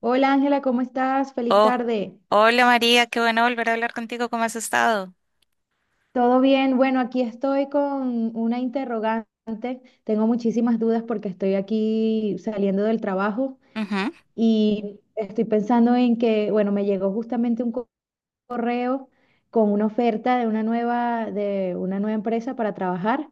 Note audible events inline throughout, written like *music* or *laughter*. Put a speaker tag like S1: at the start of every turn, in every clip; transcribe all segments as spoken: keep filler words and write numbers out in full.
S1: Hola Ángela, ¿cómo estás? Feliz
S2: Oh,
S1: tarde.
S2: hola María, qué bueno volver a hablar contigo. ¿Cómo has estado?
S1: ¿Todo bien? Bueno, aquí estoy con una interrogante. Tengo muchísimas dudas porque estoy aquí saliendo del trabajo
S2: Ujú.
S1: y estoy pensando en que, bueno, me llegó justamente un co- correo con una oferta de una nueva, de una nueva empresa para trabajar,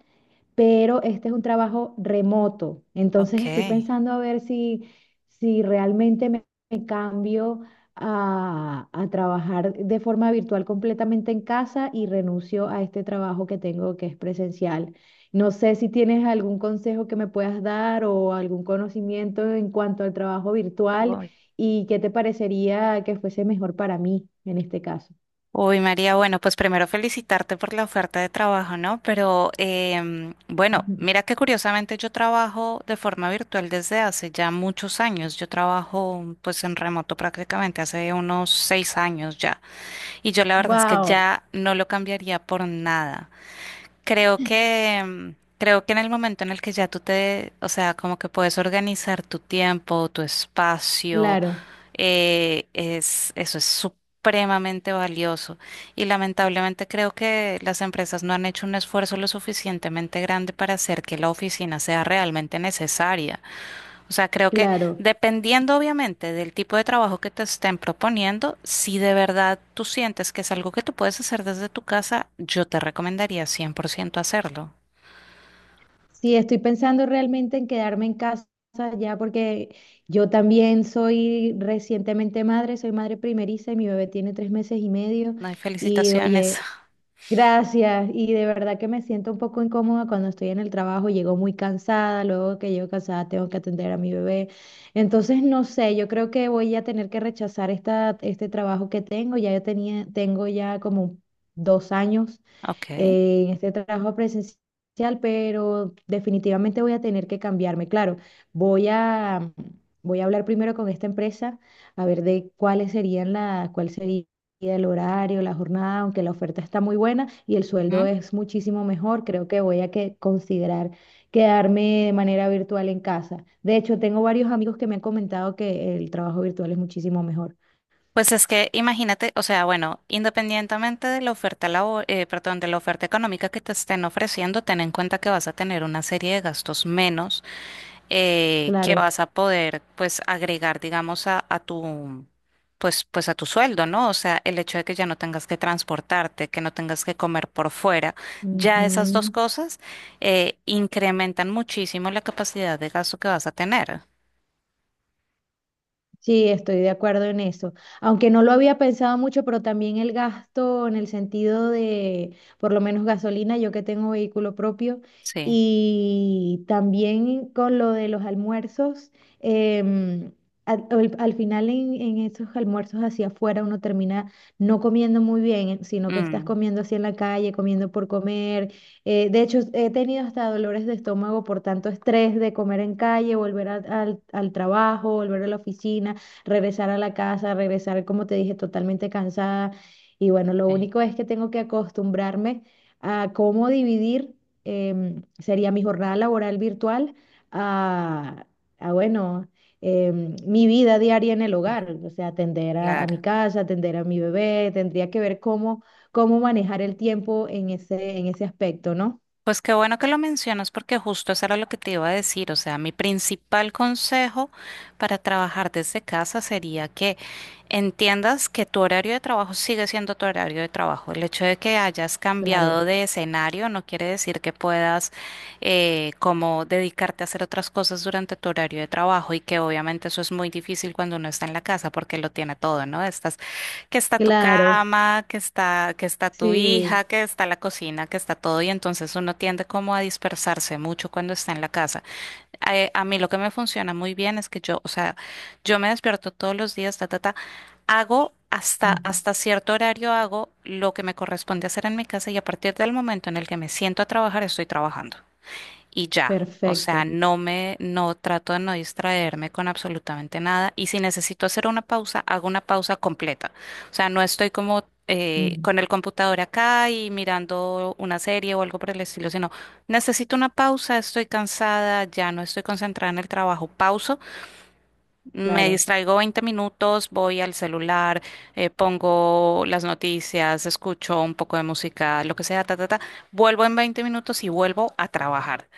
S1: pero este es un trabajo remoto.
S2: Ok.
S1: Entonces estoy pensando a ver si, si realmente me, me cambio a, a trabajar de forma virtual completamente en casa y renuncio a este trabajo que tengo que es presencial. No sé si tienes algún consejo que me puedas dar o algún conocimiento en cuanto al trabajo virtual
S2: Uy.
S1: y qué te parecería que fuese mejor para mí en este caso.
S2: Uy, María, bueno, pues primero felicitarte por la oferta de trabajo, ¿no? Pero em, bueno, mira que curiosamente yo trabajo de forma virtual desde hace ya muchos años. Yo trabajo pues en remoto prácticamente hace unos seis años ya. Y yo la verdad es que
S1: Wow,
S2: ya no lo cambiaría por nada. Creo que, mm, creo que en el momento en el que ya tú te, o sea, como que puedes organizar tu tiempo, tu espacio,
S1: claro,
S2: eh, es, eso es supremamente valioso. Y lamentablemente creo que las empresas no han hecho un esfuerzo lo suficientemente grande para hacer que la oficina sea realmente necesaria. O sea, creo que
S1: claro.
S2: dependiendo obviamente del tipo de trabajo que te estén proponiendo, si de verdad tú sientes que es algo que tú puedes hacer desde tu casa, yo te recomendaría cien por ciento hacerlo.
S1: Sí, estoy pensando realmente en quedarme en casa ya porque yo también soy recientemente madre, soy madre primeriza y mi bebé tiene tres meses y medio.
S2: No hay
S1: Y
S2: felicitaciones.
S1: oye,
S2: *laughs*
S1: gracias. Y de verdad que me siento un poco incómoda cuando estoy en el trabajo, llego muy cansada, luego que llego cansada tengo que atender a mi bebé. Entonces, no sé, yo creo que voy a tener que rechazar esta, este trabajo que tengo. Ya yo tenía, tengo ya como dos años
S2: Ok.
S1: eh, en este trabajo presencial, pero definitivamente voy a tener que cambiarme. Claro, voy a, voy a hablar primero con esta empresa a ver de cuáles serían la, cuál sería el horario, la jornada, aunque la oferta está muy buena y el sueldo
S2: Ujú.
S1: es muchísimo mejor, creo que voy a que considerar quedarme de manera virtual en casa. De hecho, tengo varios amigos que me han comentado que el trabajo virtual es muchísimo mejor.
S2: Pues es que imagínate, o sea, bueno, independientemente de la oferta labo- eh, perdón, de la oferta económica que te estén ofreciendo, ten en cuenta que vas a tener una serie de gastos menos eh, que
S1: Claro.
S2: vas a poder pues agregar, digamos, a, a tu pues, pues a tu sueldo, ¿no? O sea, el hecho de que ya no tengas que transportarte, que no tengas que comer por fuera, ya esas dos
S1: Ujú.
S2: cosas eh, incrementan muchísimo la capacidad de gasto que vas a tener.
S1: Sí, estoy de acuerdo en eso. Aunque no lo había pensado mucho, pero también el gasto en el sentido de, por lo menos gasolina, yo que tengo vehículo propio,
S2: Sí.
S1: y también con lo de los almuerzos, em, al, al- al final en, en esos almuerzos hacia afuera uno termina no comiendo muy bien, sino que estás
S2: Mm,
S1: comiendo así en la calle, comiendo por comer. Eh, de hecho, he tenido hasta dolores de estómago por tanto estrés de comer en calle, volver a- al, al trabajo, volver a la oficina, regresar a la casa, regresar, como te dije, totalmente cansada. Y bueno, lo
S2: sí.
S1: único es que tengo que acostumbrarme a cómo dividir, em, sería mi jornada laboral virtual a, a bueno, em, mi vida diaria en el
S2: *laughs*
S1: hogar, o sea, atender a, a mi
S2: Claro.
S1: casa, atender a mi bebé, tendría que ver cómo cómo manejar el tiempo en ese, en ese aspecto, ¿no?
S2: Pues qué bueno que lo mencionas porque justo eso era lo que te iba a decir. O sea, mi principal consejo para trabajar desde casa sería que entiendas que tu horario de trabajo sigue siendo tu horario de trabajo. El hecho de que hayas cambiado
S1: Claro,
S2: de escenario no quiere decir que puedas eh, como dedicarte a hacer otras cosas durante tu horario de trabajo y que obviamente eso es muy difícil cuando uno está en la casa porque lo tiene todo, ¿no? Estás que está tu
S1: claro,
S2: cama, que está, que está tu
S1: sí,
S2: hija, que está la cocina, que está todo, y entonces uno tiende como a dispersarse mucho cuando está en la casa. Eh, a mí lo que me funciona muy bien es que yo, o sea, yo me despierto todos los días, ta, ta, ta, hago hasta,
S1: ujú,
S2: hasta cierto horario hago lo que me corresponde hacer en mi casa y a partir del momento en el que me siento a trabajar, estoy trabajando y ya. O sea,
S1: perfecto,
S2: no me, no trato de no distraerme con absolutamente nada. Y si necesito hacer una pausa, hago una pausa completa. O sea, no estoy como eh,
S1: ujú,
S2: con el computador acá y mirando una serie o algo por el estilo, sino necesito una pausa, estoy cansada, ya no estoy concentrada en el trabajo, pauso, me
S1: claro,
S2: distraigo veinte minutos, voy al celular, eh, pongo las noticias, escucho un poco de música, lo que sea, ta, ta, ta. Vuelvo en veinte minutos y vuelvo a trabajar.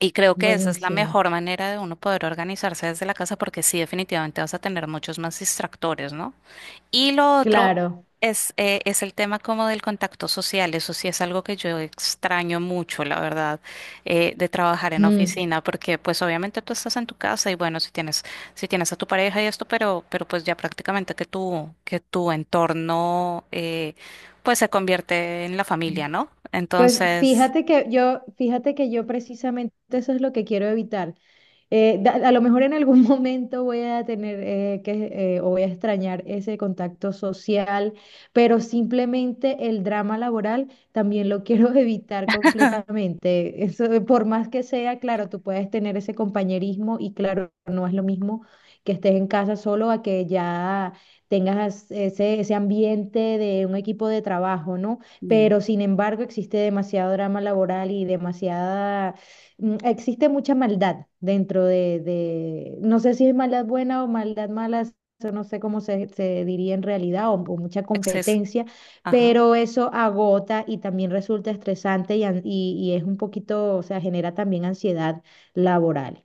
S2: Y creo que esa es la
S1: buenísimo,
S2: mejor manera de uno poder organizarse desde la casa porque sí, definitivamente vas a tener muchos más distractores, ¿no? Y lo otro
S1: claro.
S2: es, eh, es el tema como del contacto social. Eso sí es algo que yo extraño mucho, la verdad, eh, de trabajar en
S1: Mm,
S2: oficina porque pues obviamente tú estás en tu casa y bueno, si tienes, si tienes a tu pareja y esto, pero, pero pues ya prácticamente que tu, que tu entorno eh, pues se convierte en la
S1: mm.
S2: familia, ¿no?
S1: Pues
S2: Entonces,
S1: fíjate que yo, fíjate que yo precisamente eso es lo que quiero evitar. Eh, da- a lo mejor en algún *laughs* momento voy a tener eh, que, eh, o voy a extrañar ese contacto social, pero simplemente el drama laboral también lo quiero *laughs* evitar completamente. Eso, por más que sea, claro, tú puedes tener ese compañerismo y claro, no es lo mismo que estés en casa solo a que ya tengas ese, ese ambiente de un equipo de trabajo, ¿no?
S2: mm,
S1: Pero sin embargo, existe demasiado drama laboral y demasiada mm, existe mucha maldad dentro de, de- no sé si es maldad buena o maldad mala, eso no sé cómo se, se diría en realidad, o, o mucha
S2: exceso.
S1: competencia, pero eso agota y también resulta estresante y, an- y- y es un poquito, o sea, genera también ansiedad laboral.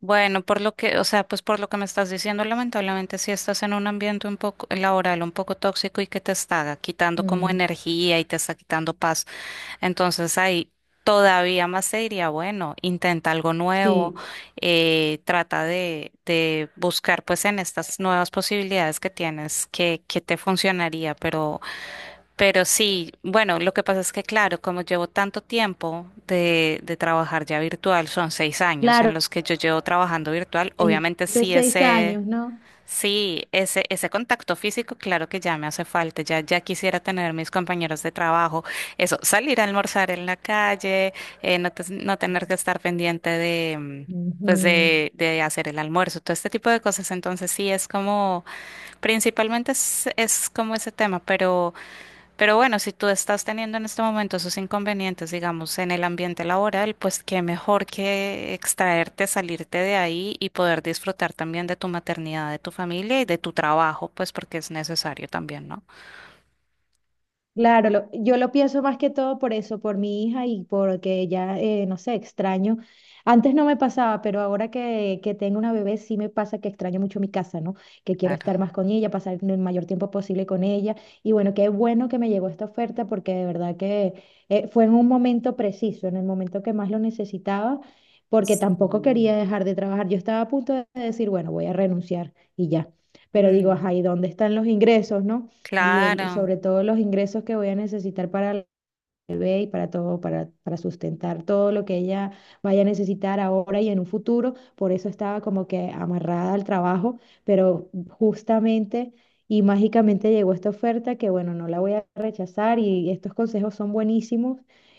S2: Bueno, por lo que, o sea, pues por lo que me estás diciendo, lamentablemente si estás en un ambiente un poco laboral, un poco tóxico y que te está quitando como
S1: Mm,
S2: energía y te está quitando paz, entonces ahí todavía más te diría, bueno, intenta algo nuevo,
S1: sí,
S2: eh, trata de, de buscar pues en estas nuevas posibilidades que tienes que, que te funcionaría, pero pero sí, bueno, lo que pasa es que, claro, como llevo tanto tiempo de, de trabajar ya virtual, son seis años en
S1: claro,
S2: los que yo llevo trabajando virtual, obviamente
S1: dijiste
S2: sí
S1: seis
S2: ese,
S1: años, ¿no?
S2: sí, ese, ese contacto físico, claro que ya me hace falta, ya, ya quisiera tener mis compañeros de trabajo, eso, salir a almorzar en la calle, eh, no, te- no tener que estar pendiente de, mm, pues
S1: Ujú.
S2: de, de hacer el almuerzo, todo este tipo de cosas, entonces sí es como, principalmente es, es como ese tema, pero... Pero bueno, si tú estás teniendo en este momento esos inconvenientes, digamos, en el ambiente laboral, pues qué mejor que extraerte, salirte de ahí y poder disfrutar también de tu maternidad, de tu familia y de tu trabajo, pues porque es necesario también, ¿no?
S1: Claro, lo- yo lo pienso más que todo por eso, por mi hija y porque ya, eh, no sé, extraño. Antes no me pasaba, pero ahora que, que tengo una bebé sí me pasa que extraño mucho mi casa, ¿no? Que quiero estar
S2: Claro.
S1: más con ella, pasar el mayor tiempo posible con ella. Y bueno, qué bueno que me llegó esta oferta porque de verdad que eh, fue en un momento preciso, en el momento que más lo necesitaba, porque tampoco quería
S2: Sí.
S1: dejar de trabajar. Yo estaba a punto de decir, bueno, voy a renunciar y ya. Pero digo,
S2: Mm,
S1: ajá, ¿y dónde están los ingresos, no? Y el,
S2: claro,
S1: sobre todo los ingresos que voy a necesitar para el bebé y para todo, para, para sustentar todo lo que ella vaya a necesitar ahora y en un futuro. Por eso estaba como que amarrada al trabajo, pero justamente y mágicamente llegó esta oferta que bueno, no la voy a rechazar y estos consejos son buenísimos.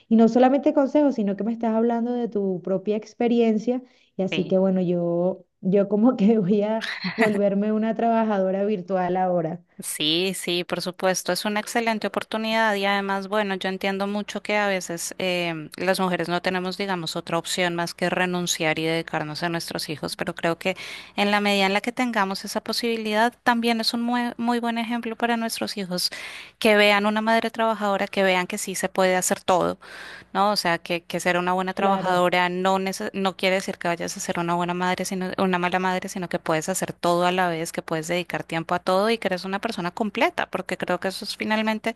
S1: Y no solamente consejos, sino que me estás hablando de tu propia experiencia. Y así que
S2: sí.
S1: bueno, yo, yo como *laughs* que voy a volverme una trabajadora virtual ahora.
S2: Sí, sí, por supuesto, es una excelente oportunidad y además, bueno, yo entiendo mucho que a veces em, las mujeres no tenemos, digamos, otra opción más que renunciar y dedicarnos a nuestros hijos, pero creo que en la medida en la que tengamos esa posibilidad, también es un mue- muy, buen ejemplo para nuestros hijos que vean una madre trabajadora, que vean que sí se puede hacer todo, ¿no? O sea, que, que ser una buena
S1: Claro.
S2: trabajadora no, nece- no quiere decir que vayas a ser una buena madre, sino una mala madre, sino que puedes hacer todo a la vez, que puedes dedicar tiempo a todo y que eres una persona completa, porque creo que eso es finalmente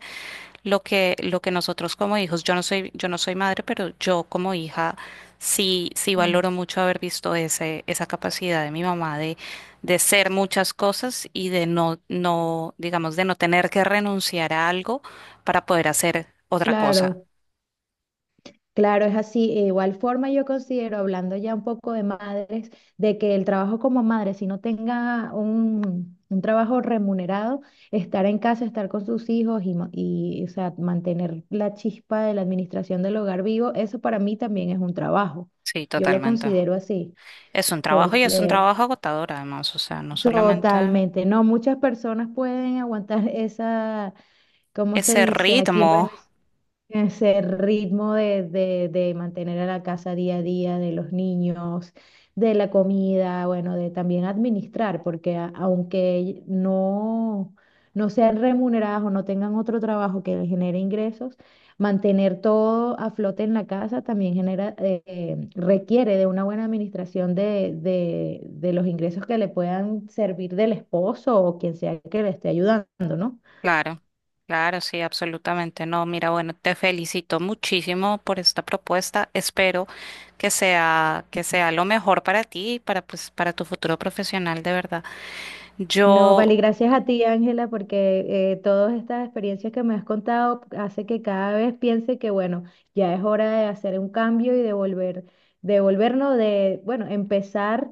S2: lo que, lo que nosotros como hijos, yo no soy, yo no soy madre, pero yo como hija sí, sí valoro mucho haber visto ese, esa capacidad de mi mamá de, de ser muchas cosas y de no, no, digamos, de no tener que renunciar a algo para poder hacer otra cosa.
S1: Claro, claro, es así. E igual forma yo considero, hablando ya un poco de madres, de que el trabajo como madre, si no tenga un, un trabajo remunerado, estar en casa, estar con sus hijos y, ma- y, o sea, mantener la chispa de la administración del hogar vivo, eso para mí también es un trabajo.
S2: Sí,
S1: Yo lo
S2: totalmente.
S1: considero así,
S2: Es un trabajo y es un
S1: porque
S2: trabajo agotador además, o sea, no solamente
S1: totalmente, no, muchas personas pueden aguantar esa, ¿cómo se
S2: ese
S1: dice aquí en
S2: ritmo,
S1: Venezuela? Ese ritmo de, de, de mantener a la casa día a día, de los niños, de la comida, bueno, de también administrar, porque a- aunque no, no sean remuneradas o no tengan otro trabajo que les genere ingresos, mantener todo a flote en la casa también genera, eh, eh, requiere de una buena administración de, de, de los ingresos que le puedan servir del esposo o quien sea que le esté ayudando, ¿no?
S2: claro, claro, sí, absolutamente. No, mira, bueno, te felicito muchísimo por esta propuesta. Espero que sea, que sea lo mejor para ti y para, pues, para tu futuro profesional, de verdad.
S1: No,
S2: Yo,
S1: vale, gracias a ti, Ángela, porque eh, todas estas experiencias que me has contado hace que cada vez piense que, bueno, ya es hora de hacer un cambio y de volver, de volvernos, de, bueno, empezar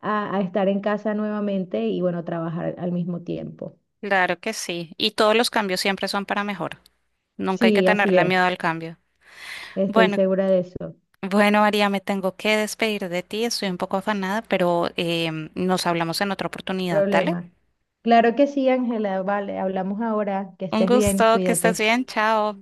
S1: a, a estar en casa nuevamente y, bueno, trabajar al mismo tiempo.
S2: claro que sí. Y todos los cambios siempre son para mejor. Nunca hay que
S1: Sí, así
S2: tenerle miedo
S1: es.
S2: al cambio.
S1: Estoy
S2: Bueno,
S1: segura de eso.
S2: Bueno, María, me tengo que despedir de ti, estoy un poco afanada, pero em, nos hablamos en otra oportunidad, ¿dale?
S1: Problema. Claro que sí, Ángela, vale, hablamos ahora. Que
S2: Un
S1: estés bien,
S2: gusto, que estés
S1: cuídate.
S2: bien, chao.